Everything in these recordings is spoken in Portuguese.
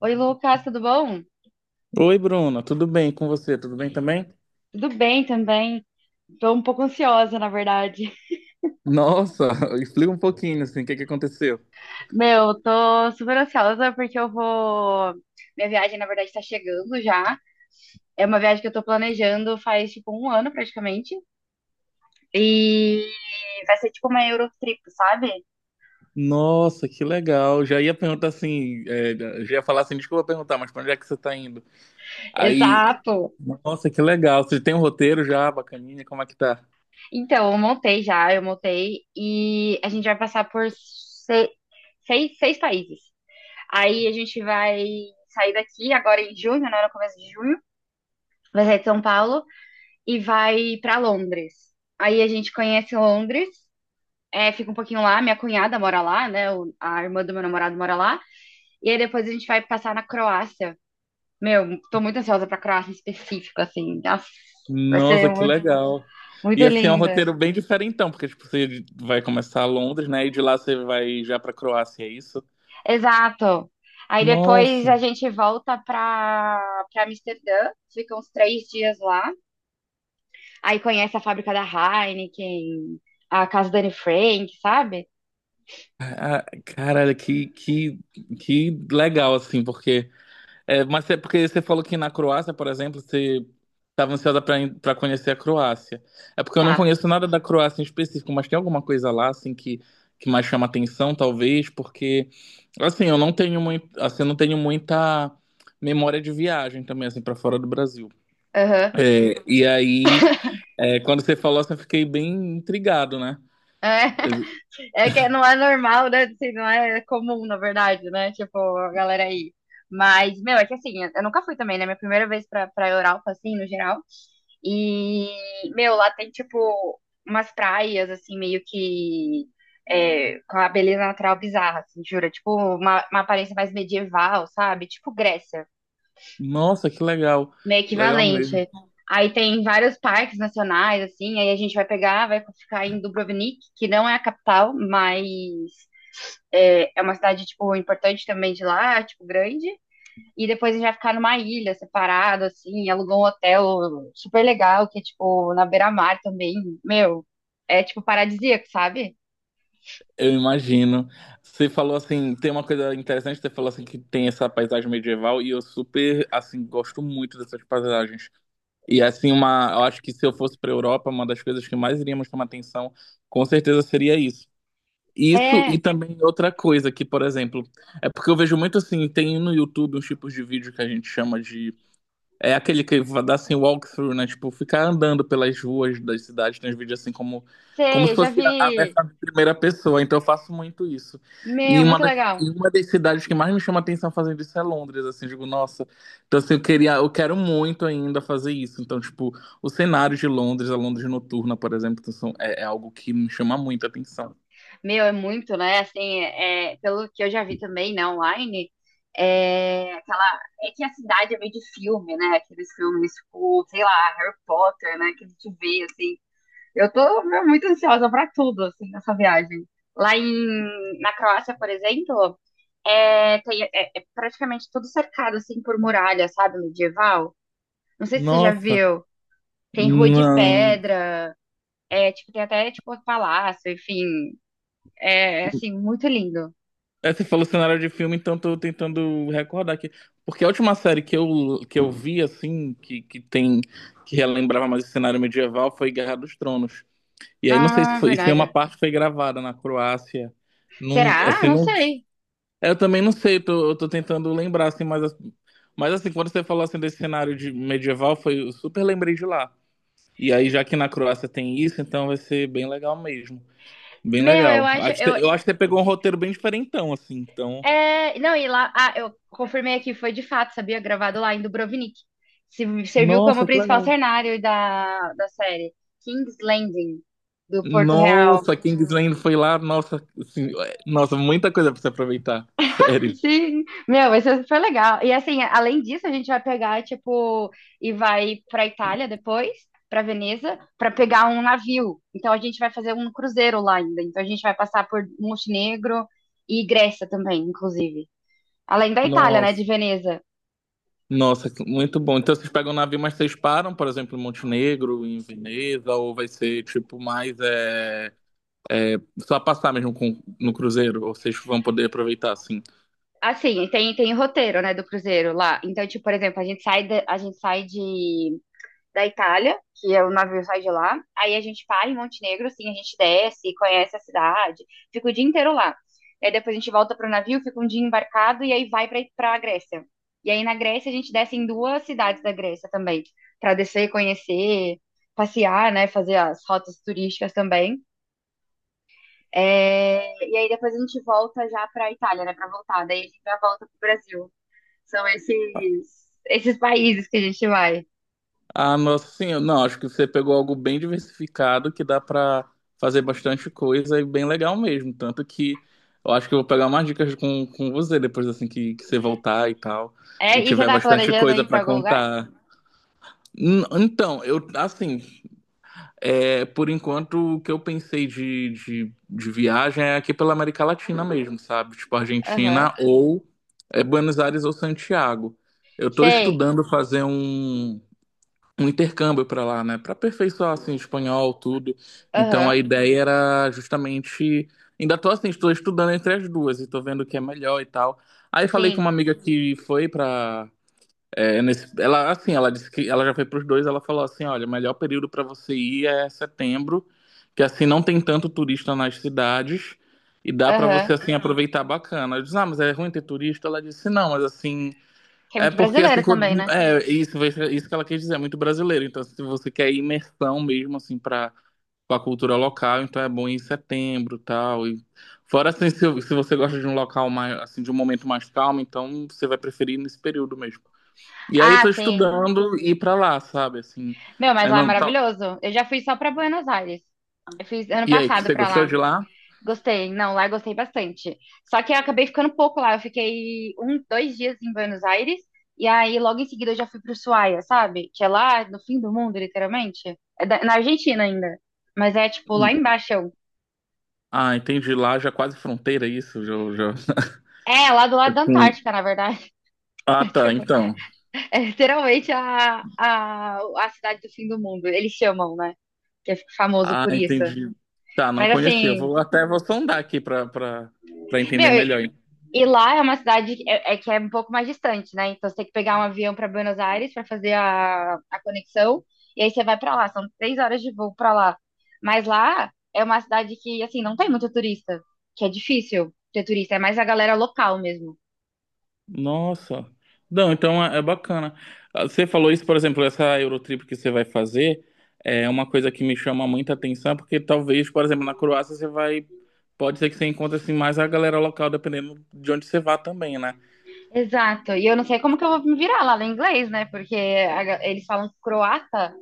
Oi, Lucas, tudo bom? Oi, Bruna, tudo bem com você? Tudo bem também? Tudo bem também. Tô um pouco ansiosa, na verdade. Nossa, explica um pouquinho assim, o que que aconteceu? Meu, tô super ansiosa porque eu vou. Minha viagem, na verdade, tá chegando já. É uma viagem que eu tô planejando faz, tipo, um ano praticamente. E vai ser tipo uma Eurotrip, sabe? Nossa, que legal. Já ia perguntar assim, é, já ia falar assim, desculpa perguntar, mas pra onde é que você tá indo? Aí, Exato. nossa, que legal. Você tem um roteiro já, bacaninha, como é que tá? Então, eu montei já, eu montei. E a gente vai passar por seis países. Aí a gente vai sair daqui agora em junho, né? No começo de junho. Vai sair de São Paulo e vai pra Londres. Aí a gente conhece Londres, é, fica um pouquinho lá, minha cunhada mora lá, né? A irmã do meu namorado mora lá. E aí depois a gente vai passar na Croácia. Meu, tô muito ansiosa pra Croácia em específico, assim. Nossa, vai ser Nossa, que muito, legal. muito E assim, é um linda. roteiro bem diferentão, porque tipo, você vai começar a Londres, né? E de lá você vai já pra Croácia, é isso? Exato. Aí depois Nossa, a gente volta pra Amsterdã, fica uns 3 dias lá. Aí conhece a fábrica da Heineken, a casa da Anne Frank, sabe? ah, caralho, que legal, assim, porque. É, mas é porque você falou que na Croácia, por exemplo, você estava ansiosa para conhecer a Croácia. É porque eu não Tá. conheço nada da Croácia em específico, mas tem alguma coisa lá assim que mais chama atenção, talvez, porque assim, eu não tenho muito, assim, eu não tenho muita memória de viagem também assim para fora do Brasil. Aham. É, e aí, é, quando você falou assim, eu fiquei bem intrigado, né? É. Eu- É que não é normal, né? Assim, não é comum, na verdade, né? Tipo, a galera aí. Mas, meu, é que assim, eu nunca fui também, né? Minha primeira vez pra Europa, assim, no geral. E, meu, lá tem, tipo, umas praias, assim, meio que, é, com a beleza natural bizarra, assim, jura? Tipo, uma aparência mais medieval, sabe? Tipo Grécia, Nossa, que legal. meio Legal mesmo. equivalente. Aí tem vários parques nacionais, assim, aí a gente vai pegar, vai ficar em Dubrovnik, que não é a capital, mas é uma cidade, tipo, importante também de lá, tipo, grande. E depois já ficar numa ilha separado, assim, alugou um hotel super legal, que é, tipo, na beira-mar também. Meu, é, tipo, paradisíaco, sabe? Eu imagino. Você falou assim, tem uma coisa interessante, você falou assim que tem essa paisagem medieval e eu super assim gosto muito dessas paisagens. E assim uma, eu acho que se eu fosse para Europa, uma das coisas que mais iríamos tomar atenção, com certeza seria isso. Isso e É, também outra coisa que, por exemplo, é porque eu vejo muito assim, tem no YouTube uns tipos de vídeo que a gente chama de é aquele que vai dar assim walkthrough, né? Tipo, ficar andando pelas ruas das cidades, tem uns vídeos assim como se sei, já fosse a vi. versão de primeira pessoa. Então eu faço muito isso. E Meu, uma muito das, legal. e uma das cidades que mais me chama atenção fazendo isso é Londres, assim, eu digo, nossa. Então assim, eu queria, eu quero muito ainda fazer isso. Então, tipo, o cenário de Londres, a Londres noturna, por exemplo, então, é algo que me chama muito a atenção. Meu, é muito, né? Assim, é, pelo que eu já vi também, né, online, é aquela. É que a cidade é meio de filme, né? Aqueles filmes, tipo, sei lá, Harry Potter, né? Que a gente vê, assim. Eu tô meu, muito ansiosa pra tudo, assim, nessa viagem. Lá em, na Croácia, por exemplo, é, é praticamente tudo cercado, assim, por muralha, sabe, medieval. Não sei se você já Nossa, viu. Tem rua de não. pedra, é, tipo, tem até, tipo, palácio, enfim. É, assim, muito lindo. É, você falou cenário de filme, então tô tentando recordar aqui. Porque a última série que eu vi, assim, que tem, que relembrava mais o cenário medieval foi Guerra dos Tronos. E aí não sei se Ah, foi, se uma verdade. parte foi gravada na Croácia. Não, Será? assim, Não não, sei. é, eu também não sei, eu tô tentando lembrar, assim, mas assim, quando você falou assim desse cenário de medieval, foi, eu super lembrei de lá. E aí, já que na Croácia tem isso, então vai ser bem legal mesmo. Bem Meu, eu legal. acho, Eu acho que você pegou um roteiro bem diferentão, assim, então. é, não, e lá, ah, eu confirmei aqui, foi de fato, sabia? Gravado lá em Dubrovnik. Serviu como Nossa, que principal legal. cenário da série. King's Landing, do Porto Real. Nossa, Kingsland foi lá, nossa, assim, é, nossa, muita coisa pra se aproveitar. Sério. Sim, meu, isso foi legal. E assim, além disso, a gente vai pegar, tipo, e vai pra Itália depois, pra Veneza, pra pegar um navio. Então a gente vai fazer um cruzeiro lá ainda. Então a gente vai passar por Montenegro e Grécia também, inclusive. Além da Itália, né, Nossa. de Veneza. Nossa, muito bom. Então vocês pegam o navio, mas vocês param, por exemplo, em Montenegro, em Veneza, ou vai ser tipo mais é, só passar mesmo no cruzeiro, ou vocês vão poder aproveitar assim. Assim, tem, tem o roteiro, né, do cruzeiro lá. Então, tipo, por exemplo, a gente sai da, a gente sai de, da Itália, que é o navio sai de lá. Aí a gente para em Montenegro, assim, a gente desce, conhece a cidade, fica o dia inteiro lá. E aí depois a gente volta pro navio, fica um dia embarcado e aí vai pra Grécia. E aí na Grécia a gente desce em duas cidades da Grécia também, pra descer, conhecer, passear, né, fazer as rotas turísticas também. É, e aí depois a gente volta já pra Itália, né, pra voltar. Daí a gente já volta pro Brasil. São esses países que a gente vai. Ah, nossa senhora, não, acho que você pegou algo bem diversificado que dá pra fazer bastante coisa e bem legal mesmo. Tanto que eu acho que eu vou pegar umas dicas com você depois assim que você voltar e tal, e É, e você tiver tá bastante planejando coisa ir pra pra algum lugar? contar. Então, eu, assim, é, por enquanto o que eu pensei de viagem é aqui pela América Latina mesmo, sabe? Tipo Aham. Argentina ou é, Buenos Aires ou Santiago. Eu tô Sei. estudando fazer um intercâmbio para lá, né, para aperfeiçoar assim espanhol, tudo. Então a Aham. ideia era justamente ainda tô assim, estou estudando entre as duas e tô vendo o que é melhor e tal. Aí falei com Sim. uma amiga que foi para ela assim, ela disse que ela já foi para os dois, ela falou assim, olha, o melhor período para você ir é setembro, que assim não tem tanto turista nas cidades e dá para Aham. você assim aproveitar bacana. Eu disse, ah, mas é ruim ter turista? Ela disse, não, mas assim Que é é muito porque assim, brasileiro também, né? É isso, isso que ela quis dizer, é muito brasileiro. Então, se você quer imersão mesmo assim para a cultura local, então é bom ir em setembro, tal. E fora assim, se você gosta de um local mais assim, de um momento mais calmo, então você vai preferir nesse período mesmo. E aí eu tô Ah, sim. estudando ir para lá, sabe, assim. Meu, mas É, lá é não, tá. maravilhoso. Eu já fui só pra Buenos Aires. Eu fiz ano E aí, passado você pra gostou lá. de lá? Gostei. Não, lá eu gostei bastante. Só que eu acabei ficando pouco lá. Eu fiquei um, 2 dias em Buenos Aires. E aí, logo em seguida, eu já fui pro Ushuaia, sabe? Que é lá no fim do mundo, literalmente. É na Argentina ainda. Mas é, tipo, lá embaixo. Ah, entendi. Lá já é quase fronteira é isso, já, já. É, lá do lado da com- Antártica, na verdade. Ah, tá, Tipo, então. é literalmente a cidade do fim do mundo. Eles chamam, né? Que é famoso Ah, por isso. entendi. Tá, não Mas conheceu. assim, Vou sondar aqui pra para meu, entender e melhor. e lá é uma cidade que é, que é um pouco mais distante, né? Então você tem que pegar um avião para Buenos Aires para fazer a conexão. E aí você vai para lá. São 3 horas de voo para lá. Mas lá é uma cidade que, assim, não tem muito turista. Que é difícil ter turista. É mais a galera local mesmo. Nossa. Não, então é bacana. Ah, você falou isso, por exemplo, essa Eurotrip que você vai fazer é uma coisa que me chama muita atenção, porque talvez, por exemplo, na Croácia você vai pode ser que você encontre assim mais a galera local dependendo de onde você vá também, né? Exato. E eu não sei como que eu vou me virar lá no inglês, né? Porque eles falam croata,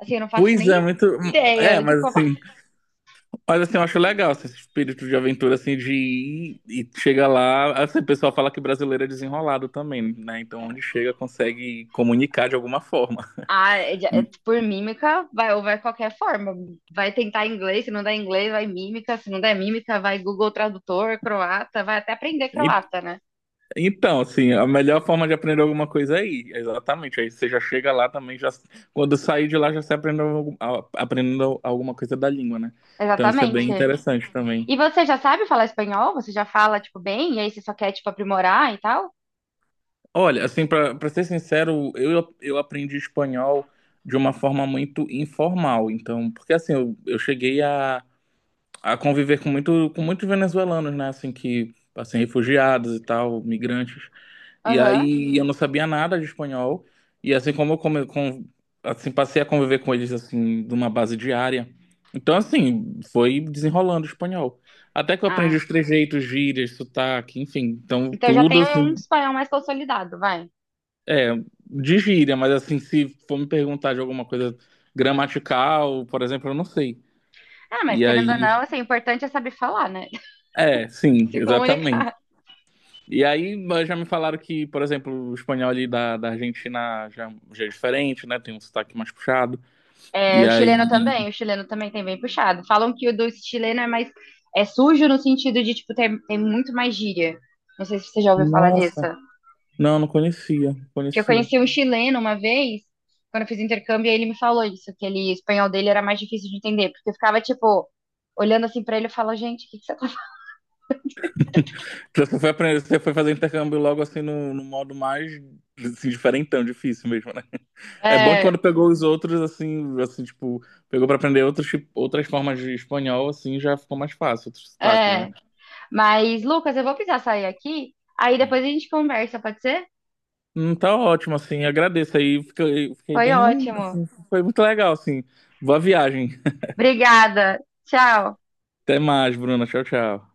assim, eu não faço Pois nem é, muito é, ideia de mas como. assim Mas assim, eu acho legal assim, esse espírito de aventura assim de ir e chega lá, assim, o pessoal fala que brasileiro é desenrolado também, né? Então onde chega consegue comunicar de alguma forma. Ah, é de- é por mímica, vai, ou vai qualquer forma. Vai tentar inglês, se não der inglês, vai mímica, se não der mímica, vai Google Tradutor, croata, vai até aprender E- croata, né? então, assim, a melhor forma de aprender alguma coisa é ir, exatamente. Aí você já chega lá também, já quando sair de lá já se aprendeu aprendendo alguma coisa da língua, né? Então isso é Exatamente. bem interessante também. E você já sabe falar espanhol? Você já fala, tipo, bem? E aí você só quer, tipo, aprimorar e tal? Olha, assim, pra para ser sincero, eu aprendi espanhol de uma forma muito informal. Então, porque assim, eu cheguei a conviver com muito, com muitos venezuelanos, né? Assim que assim, refugiados e tal, migrantes. E Aham. aí eu, uhum, não sabia nada de espanhol. E assim como eu come, com, assim, passei a conviver com eles assim, numa base diária. Então, assim, foi desenrolando o espanhol. Até que eu aprendi Ah, os trejeitos, gírias, sotaque, enfim. Então, então já tudo tem um assim, espanhol mais consolidado, vai. é, de gíria, mas assim, se for me perguntar de alguma coisa gramatical, por exemplo, eu não sei. Ah, mas E querendo ou aí, não, assim, o importante é saber falar, né? é, sim, Se comunicar. exatamente. E aí mas já me falaram que, por exemplo, o espanhol ali da Argentina já, já é diferente, né? Tem um sotaque mais puxado. É, E aí. O chileno também tem bem puxado. Falam que o do chileno é mais é sujo no sentido de, tipo, tem muito mais gíria. Não sei se você já ouviu falar disso. Nossa. Não, não conhecia, não Que eu conhecia. conheci um chileno uma vez, quando eu fiz intercâmbio, e ele me falou isso, que ele, o espanhol dele era mais difícil de entender, porque eu ficava, tipo, olhando assim pra ele e falava, gente, o que que você tá falando? Então, você foi aprender, você foi fazer intercâmbio logo assim no modo mais assim, diferentão, difícil mesmo, né? É bom que É, quando pegou os outros, assim, assim, tipo, pegou pra aprender outros, outras formas de espanhol, assim, já ficou mais fácil, outros sotaques, né? é. Mas, Lucas, eu vou precisar sair aqui, aí depois a gente conversa, pode ser? Tá ótimo, assim, agradeço aí, fiquei Foi bem, ótimo. assim, foi muito legal, assim, boa viagem, Obrigada. Tchau. até mais, Bruna, tchau, tchau.